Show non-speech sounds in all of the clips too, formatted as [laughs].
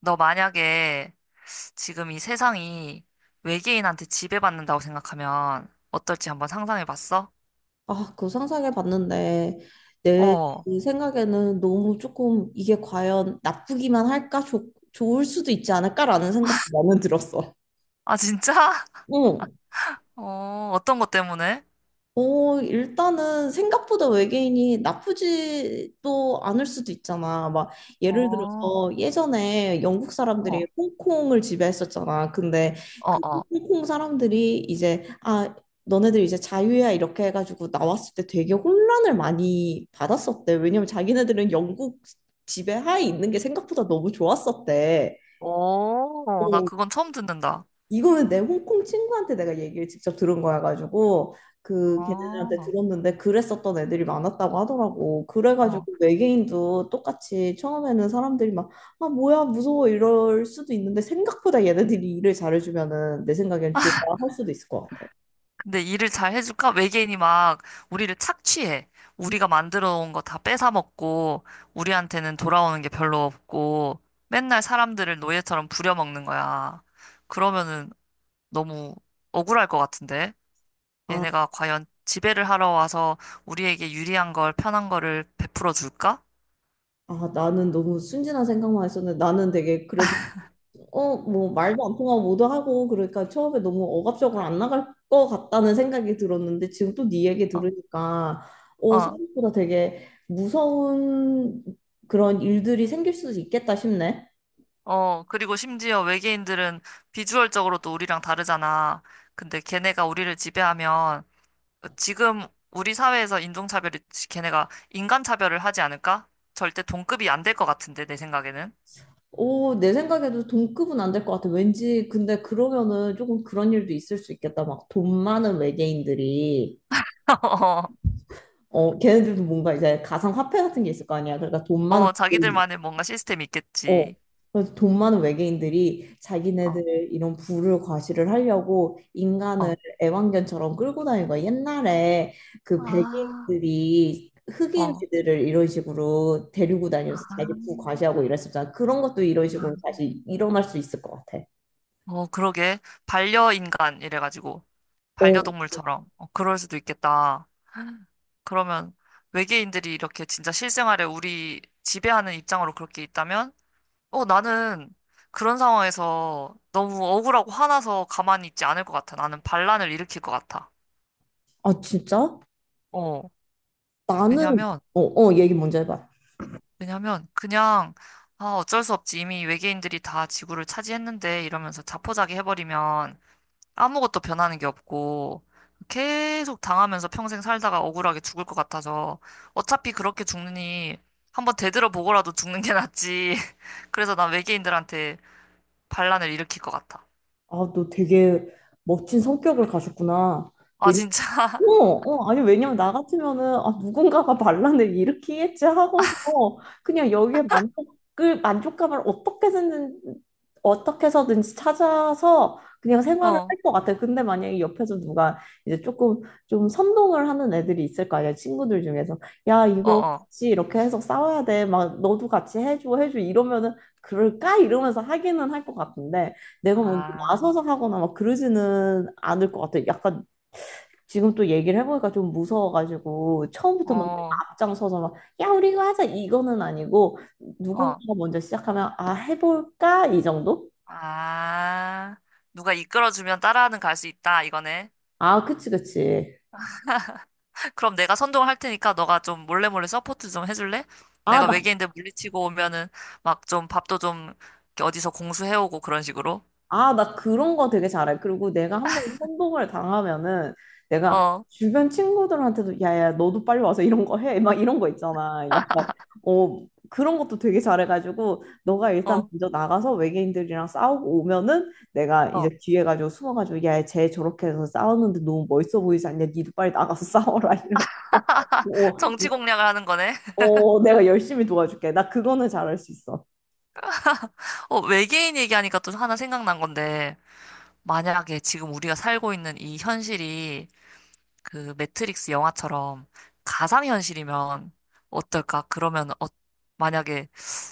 너 만약에 지금 이 세상이 외계인한테 지배받는다고 생각하면 어떨지 한번 상상해 봤어? 아, 그거 상상해 봤는데, 내 어. 생각에는 너무 조금 이게 과연 나쁘기만 할까? 좋 좋을 수도 있지 않을까라는 생각도 나는 들었어. 아, 진짜? 응. [laughs] 어떤 것 때문에? 일단은 생각보다 외계인이 나쁘지도 않을 수도 있잖아. 막 예를 어, 들어서 예전에 영국 사람들이 어, 홍콩을 지배했었잖아. 근데 어, 그 어. 홍콩 사람들이 이제 아, 너네들 이제 자유야 이렇게 해가지고 나왔을 때 되게 혼란을 많이 받았었대. 왜냐면 자기네들은 영국 지배하에 있는 게 생각보다 너무 좋았었대. 오, 나 어, 그건 처음 듣는다. 이거는 내 홍콩 친구한테 내가 얘기를 직접 들은 거여가지고 그 어, 걔네들한테 들었는데 그랬었던 애들이 많았다고 하더라고. 그래가지고 어. 외계인도 똑같이 처음에는 사람들이 막 아 뭐야 무서워 이럴 수도 있는데 생각보다 얘네들이 일을 잘해주면은 내 생각엔 좋아할 수도 있을 것 같아. 근데 일을 잘 해줄까? 외계인이 막 우리를 착취해. 우리가 만들어 온 거 다 뺏어 먹고, 우리한테는 돌아오는 게 별로 없고, 맨날 사람들을 노예처럼 부려먹는 거야. 그러면은, 너무 억울할 것 같은데. 아, 얘네가 과연 지배를 하러 와서 우리에게 유리한 걸, 편한 거를 베풀어 줄까? 아 나는 너무 순진한 생각만 했었는데 나는 되게 그래도 뭐 말도 안 통하고 뭐도 하고 그러니까 처음에 너무 억압적으로 안 나갈 것 같다는 생각이 들었는데 지금 또 네 얘기 어, 들으니까 어, 생각보다 되게 무서운 그런 일들이 생길 수도 있겠다 싶네. 어. 그리고 심지어 외계인들은 비주얼적으로 또 우리랑 다르잖아. 근데 걔네가 우리를 지배하면 지금 우리 사회에서 인종차별이 걔네가 인간차별을 하지 않을까? 절대 동급이 안 될 것 같은데, 내 생각에는. 오, 내 생각에도 동급은 안 될 것 같아. 왠지 근데 그러면은 조금 그런 일도 있을 수 있겠다. 막 돈 많은 외계인들이 [laughs] 어, 어, 걔네들도 뭔가 이제 가상화폐 같은 게 있을 거 아니야. 그러니까 돈 많은 어, 자기들만의 뭔가 시스템이 어. 있겠지. 그래서 돈 많은 외계인들이 어, 자기네들 이런 부를 과시를 하려고 인간을 어. 애완견처럼 끌고 다니는 거야. 옛날에 그 아, 백인들이 어. 흑인들을 이런 식으로 데리고 다니면서 자기 부 과시하고 이랬었잖아. 그런 것도 이런 식으로 아. 다시 일어날 수 있을 것 같아. 그러게. 반려인간 이래가지고. 어, 반려동물처럼. 어, 그럴 수도 있겠다. 그러면 외계인들이 이렇게 진짜 실생활에 우리 지배하는 입장으로 그렇게 있다면, 나는 그런 상황에서 너무 억울하고 화나서 가만히 있지 않을 것 같아. 나는 반란을 일으킬 것 같아. 아, 진짜? 어, 나는, 왜냐면, 얘기 먼저 해봐. 왜냐면, 그냥, 아, 어쩔 수 없지. 이미 외계인들이 다 지구를 차지했는데 이러면서 자포자기 해버리면 아무것도 변하는 게 없고 계속 당하면서 평생 살다가 억울하게 죽을 것 같아서 어차피 그렇게 죽느니 한번 되들어보고라도 죽는 게 낫지. [laughs] 그래서 난 외계인들한테 반란을 일으킬 것 같아. 아, 너 되게 멋진 성격을 가졌구나. 아, 왜냐 진짜? 아니, 왜냐면 나 같으면은, 아, 누군가가 [laughs] 반란을 일으키겠지 하고서, 그냥 여기에 만족을, 만족감을 어떻게 든 어떻게 해서든지 찾아서 그냥 생활을 어, 할 것 같아. 근데 만약에 옆에서 누가 이제 조금 좀 선동을 하는 애들이 있을 거 아니야, 친구들 중에서. 야, 어, 이거 어. 같이 이렇게 해서 싸워야 돼. 막, 너도 같이 해줘, 해줘. 이러면은, 그럴까? 이러면서 하기는 할 것 같은데, 내가 먼저 아, 나서서 하거나 막 그러지는 않을 것 같아. 약간 지금 또 얘기를 해보니까 좀 무서워가지고 처음부터 막 내가 어, 앞장서서 막 야 우리 이거 하자 이거는 아니고 어. 누군가가 먼저 시작하면 아 해볼까 이 정도? 아, 누가 이끌어주면 따라하는 갈 수 있다, 이거네. 아 그치 그치 그럼 내가 선동을 할 테니까 너가 좀 몰래 몰래 서포트 좀 해줄래? 아 내가 나 외계인들 물리치고 오면은 막 좀 밥도 좀 이렇게 어디서 공수해오고 그런 식으로. 아, 나 그런 거 되게 잘해. 그리고 내가 한번 선동을 당하면은 내가 어, 주변 친구들한테도 야야 너도 빨리 와서 이런 거 해. 막 이런 거 있잖아. 약간 어 그런 것도 되게 잘해가지고 너가 일단 어, 먼저 나가서 외계인들이랑 싸우고 오면은 내가 어. 이제 뒤에 가지고 숨어가지고 야쟤 저렇게 해서 싸우는데 너무 멋있어 보이지 않냐? 니도 빨리 나가서 [laughs] 싸워라 이런 거. 어, 정치 공략을 하는 거네. [laughs] 어, 내가 열심히 도와줄게. 나 그거는 잘할 수 있어. 외계인 얘기하니까 또 하나 생각난 건데, 만약에 지금 우리가 살고 있는 이 현실이 그 매트릭스 영화처럼 가상현실이면 어떨까? 그러면 어, 만약에,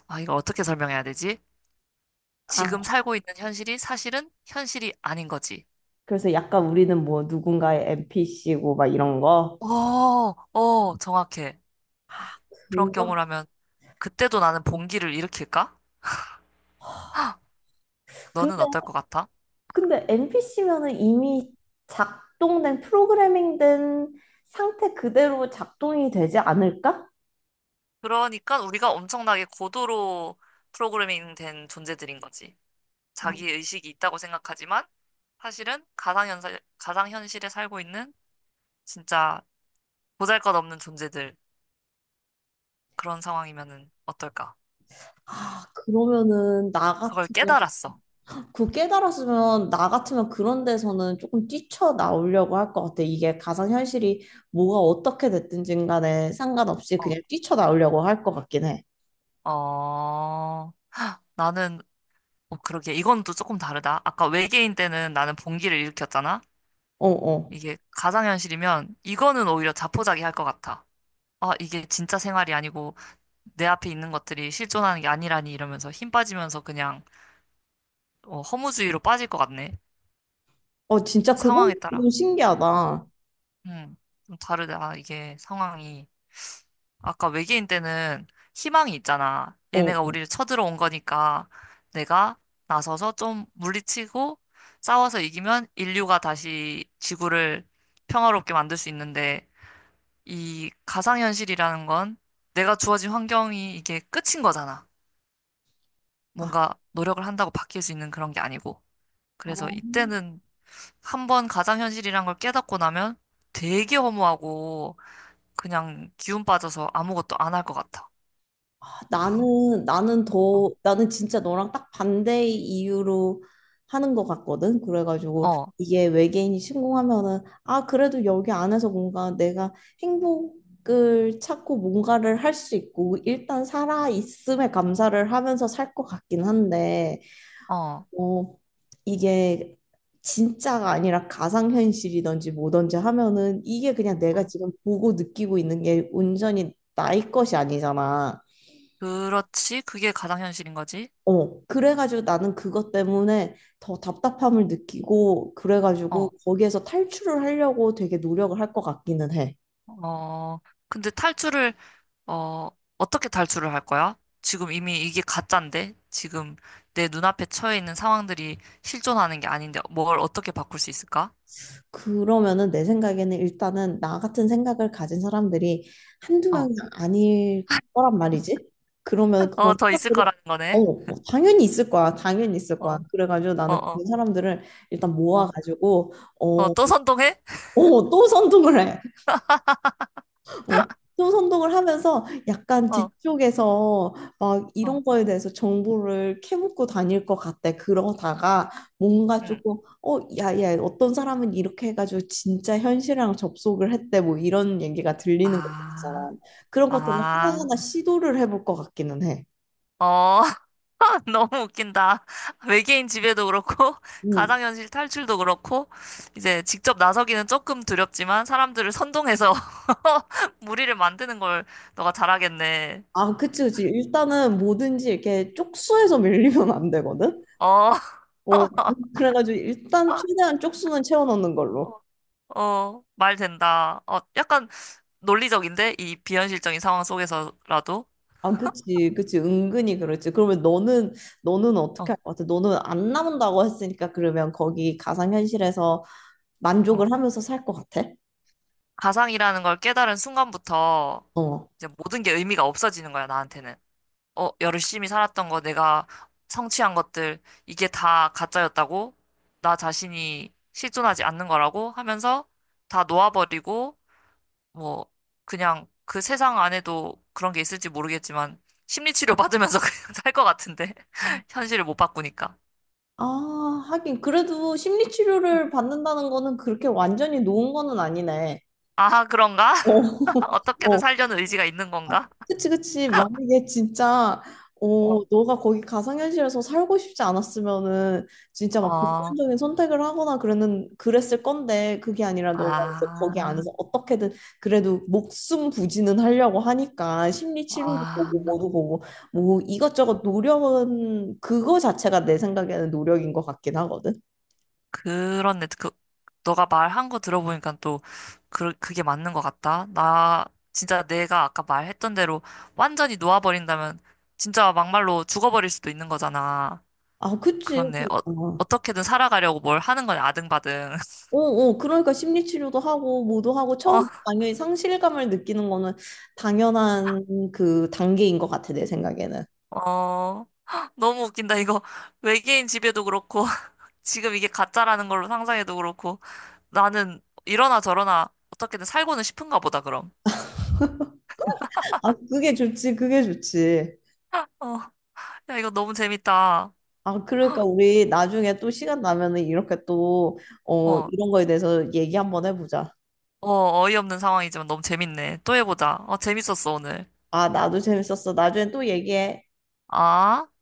아, 이걸 어떻게 설명해야 되지? 아, 지금 살고 있는 현실이 사실은 현실이 아닌 거지. 그래서 약간 우리는 뭐 누군가의 NPC고 막 이런 거. 어, 어, 정확해. 그런 그거? 경우라면 그때도 나는 봉기를 일으킬까? 근데 너는 어떨 것 같아? 근데 NPC면은 이미 작동된 프로그래밍된 상태 그대로 작동이 되지 않을까? 그러니까 우리가 엄청나게 고도로 프로그래밍 된 존재들인 거지. 아, 자기 의식이 있다고 생각하지만 사실은 가상현실에 살고 있는 진짜 보잘것없는 존재들. 그런 상황이면은 어떨까? 아, 그러면은 나 그걸 같으면 깨달았어. 그 깨달았으면 나 같으면 그런 데서는 조금 뛰쳐나오려고 할 것 같아. 이게 가상현실이 뭐가 어떻게 됐든지 간에 상관없이 어, 그냥 뛰쳐나오려고 할 것 같긴 해. 어, 나는, 그러게. 이건 또 조금 다르다. 아까 외계인 때는 나는 봉기를 일으켰잖아. 어, 어. 이게 가상현실이면 이거는 오히려 자포자기 할 것 같아. 아, 이게 진짜 생활이 아니고 내 앞에 있는 것들이 실존하는 게 아니라니 이러면서 힘 빠지면서 그냥 허무주의로 빠질 것 같네. 어, 진짜 상황에 그건 따라. 좀 어, 신기하다. 음, 좀 다르다. 아, 이게 상황이. 아까 외계인 때는 희망이 있잖아. 어. 얘네가 어. 우리를 쳐들어온 거니까 내가 나서서 좀 물리치고 싸워서 이기면 인류가 다시 지구를 평화롭게 만들 수 있는데 이 가상현실이라는 건 내가 주어진 환경이 이게 끝인 거잖아. 아, 뭔가 노력을 한다고 바뀔 수 있는 그런 게 아니고. 그래서 아. 이때는 한 번 가상현실이란 걸 깨닫고 나면 되게 허무하고 그냥 기운 빠져서 아무것도 안 할 것 같아. 아, 나는 나는 어, 더 나는 진짜 너랑 딱 반대의 이유로 하는 것 같거든. 그래가지고 어, 이게 외계인이 신공하면은 아 그래도 여기 안에서 뭔가 내가 행복을 찾고 뭔가를 할 수 있고 일단 살아 있음에 감사를 하면서 살 것 같긴 한데 어. 어 이게 진짜가 아니라 가상현실이든지 뭐든지 하면은 이게 그냥 내가 응. 지금 보고 느끼고 있는 게 온전히 나의 것이 아니잖아. 그렇지. 그게 가상현실인 거지. 어, 그래가지고 나는 그것 때문에 더 답답함을 느끼고, 그래가지고 어, 거기에서 탈출을 하려고 되게 노력을 할 것 같기는 해. 어. 근데 탈출을 어, 어떻게 탈출을 할 거야? 지금 이미 이게 가짠데? 지금 내 눈앞에 처해 있는 상황들이 실존하는 게 아닌데 뭘 어떻게 바꿀 수 있을까? 그러면은 내 생각에는 일단은 나 같은 생각을 가진 사람들이 한두 어, 명이 아닐 거란 말이지. 그러면 그런 어, 더 있을 생각들이, 거라는 거네. 당연히 있을 거야. 당연히 있을 어, 거야. 그래가지고 어, 나는 어, 그런 사람들을 일단 어, 모아가지고, 어, 또 선동해? 어, 또 선동을 해. 어, 또 선동을 하면서 약간 어, 뒤쪽에서 막 어, 이런 거에 대해서 정보를 캐묻고 다닐 것 같아. 그러다가 뭔가 응. 조금, 야, 야, 어떤 사람은 이렇게 해가지고 진짜 현실이랑 접속을 했대. 뭐 이런 얘기가 들리는 것 아, 같아서. 그런 것들을 아. 하나하나 시도를 해볼 것 같기는 해. 어, [laughs] 너무 웃긴다. 외계인 지배도 그렇고, [laughs] 음. 가상현실 탈출도 그렇고, 이제 직접 나서기는 조금 두렵지만, 사람들을 선동해서 [laughs] 무리를 만드는 걸 너가 잘하겠네. 아, 그치, 그치. 일단은 뭐든지 이렇게 쪽수에서 밀리면 안 되거든? 어, 어, 그래가지고 일단 최대한 쪽수는 채워 넣는 걸로. [laughs] 말 된다. 어, 약간 논리적인데? 이 비현실적인 상황 속에서라도? 아, 그치, 그치. 은근히 그렇지. 그러면 너는, 너는 어떻게 어, 할 것 같아? 너는 안 남는다고 했으니까 그러면 거기 가상현실에서 어. 만족을 하면서 살 것 같아? 가상이라는 걸 깨달은 순간부터, 어. 이제 모든 게 의미가 없어지는 거야, 나한테는. 어, 열심히 살았던 거, 내가 성취한 것들, 이게 다 가짜였다고, 나 자신이 실존하지 않는 거라고 하면서 다 놓아버리고, 뭐, 그냥 그 세상 안에도 그런 게 있을지 모르겠지만, 심리치료 받으면서 [laughs] 그냥 살 것 같은데. [laughs] 현실을 못 바꾸니까. 아, 하긴. 그래도 심리치료를 받는다는 거는 그렇게 완전히 놓은 거는 아니네. 아, 그런가? 어, [laughs] [laughs] 어떻게든 어. 살려는 의지가 있는 건가? 그치, 그치. 만약에 진짜, 어, 너가 거기 가상현실에서 살고 싶지 않았으면은, 진짜 막 어, 극단적인 선택을 하거나 그랬는, 그랬을 건데, 그게 아니라 너가 이제 거기 아, 안에서 어떻게든 그래도 목숨 부지는 하려고 하니까, 심리 치료도 보고, 아. 뭐도 보고, 뭐 이것저것 노력은, 그거 자체가 내 생각에는 노력인 것 같긴 하거든. 그렇네. 그, 너가 말한 거 들어보니까 또 그, 그게 맞는 것 같다. 나 진짜 내가 아까 말했던 대로 완전히 놓아버린다면 진짜 막말로 죽어버릴 수도 있는 거잖아. 아, 그치. 그렇네. 아, 어떻게든 살아가려고 뭘 하는 거냐, 아등바등. 그러니까 심리치료도 하고, 뭐도 하고, 처음 [laughs] 당연히 상실감을 느끼는 거는 당연한 그 단계인 것 같아, 내 생각에는. 어, 어, [gasps] 너무 웃긴다. 이거 외계인 집에도 그렇고 [laughs] 지금 이게 가짜라는 걸로 상상해도 그렇고 나는 이러나 저러나 어떻게든 살고는 싶은가 보다, 그럼. 아, 그게 좋지, 그게 좋지. 어, 야, 이거 너무 재밌다. 아, 그러니까 우리 나중에 또 시간 나면은 이렇게 또, 어, 어. 이런 거에 대해서 얘기 한번 해보자. 어이없는 상황이지만 너무 재밌네. 또 해보자. 어, 재밌었어, 오늘. 아, 나도 재밌었어. 나중에 또 얘기해. 아.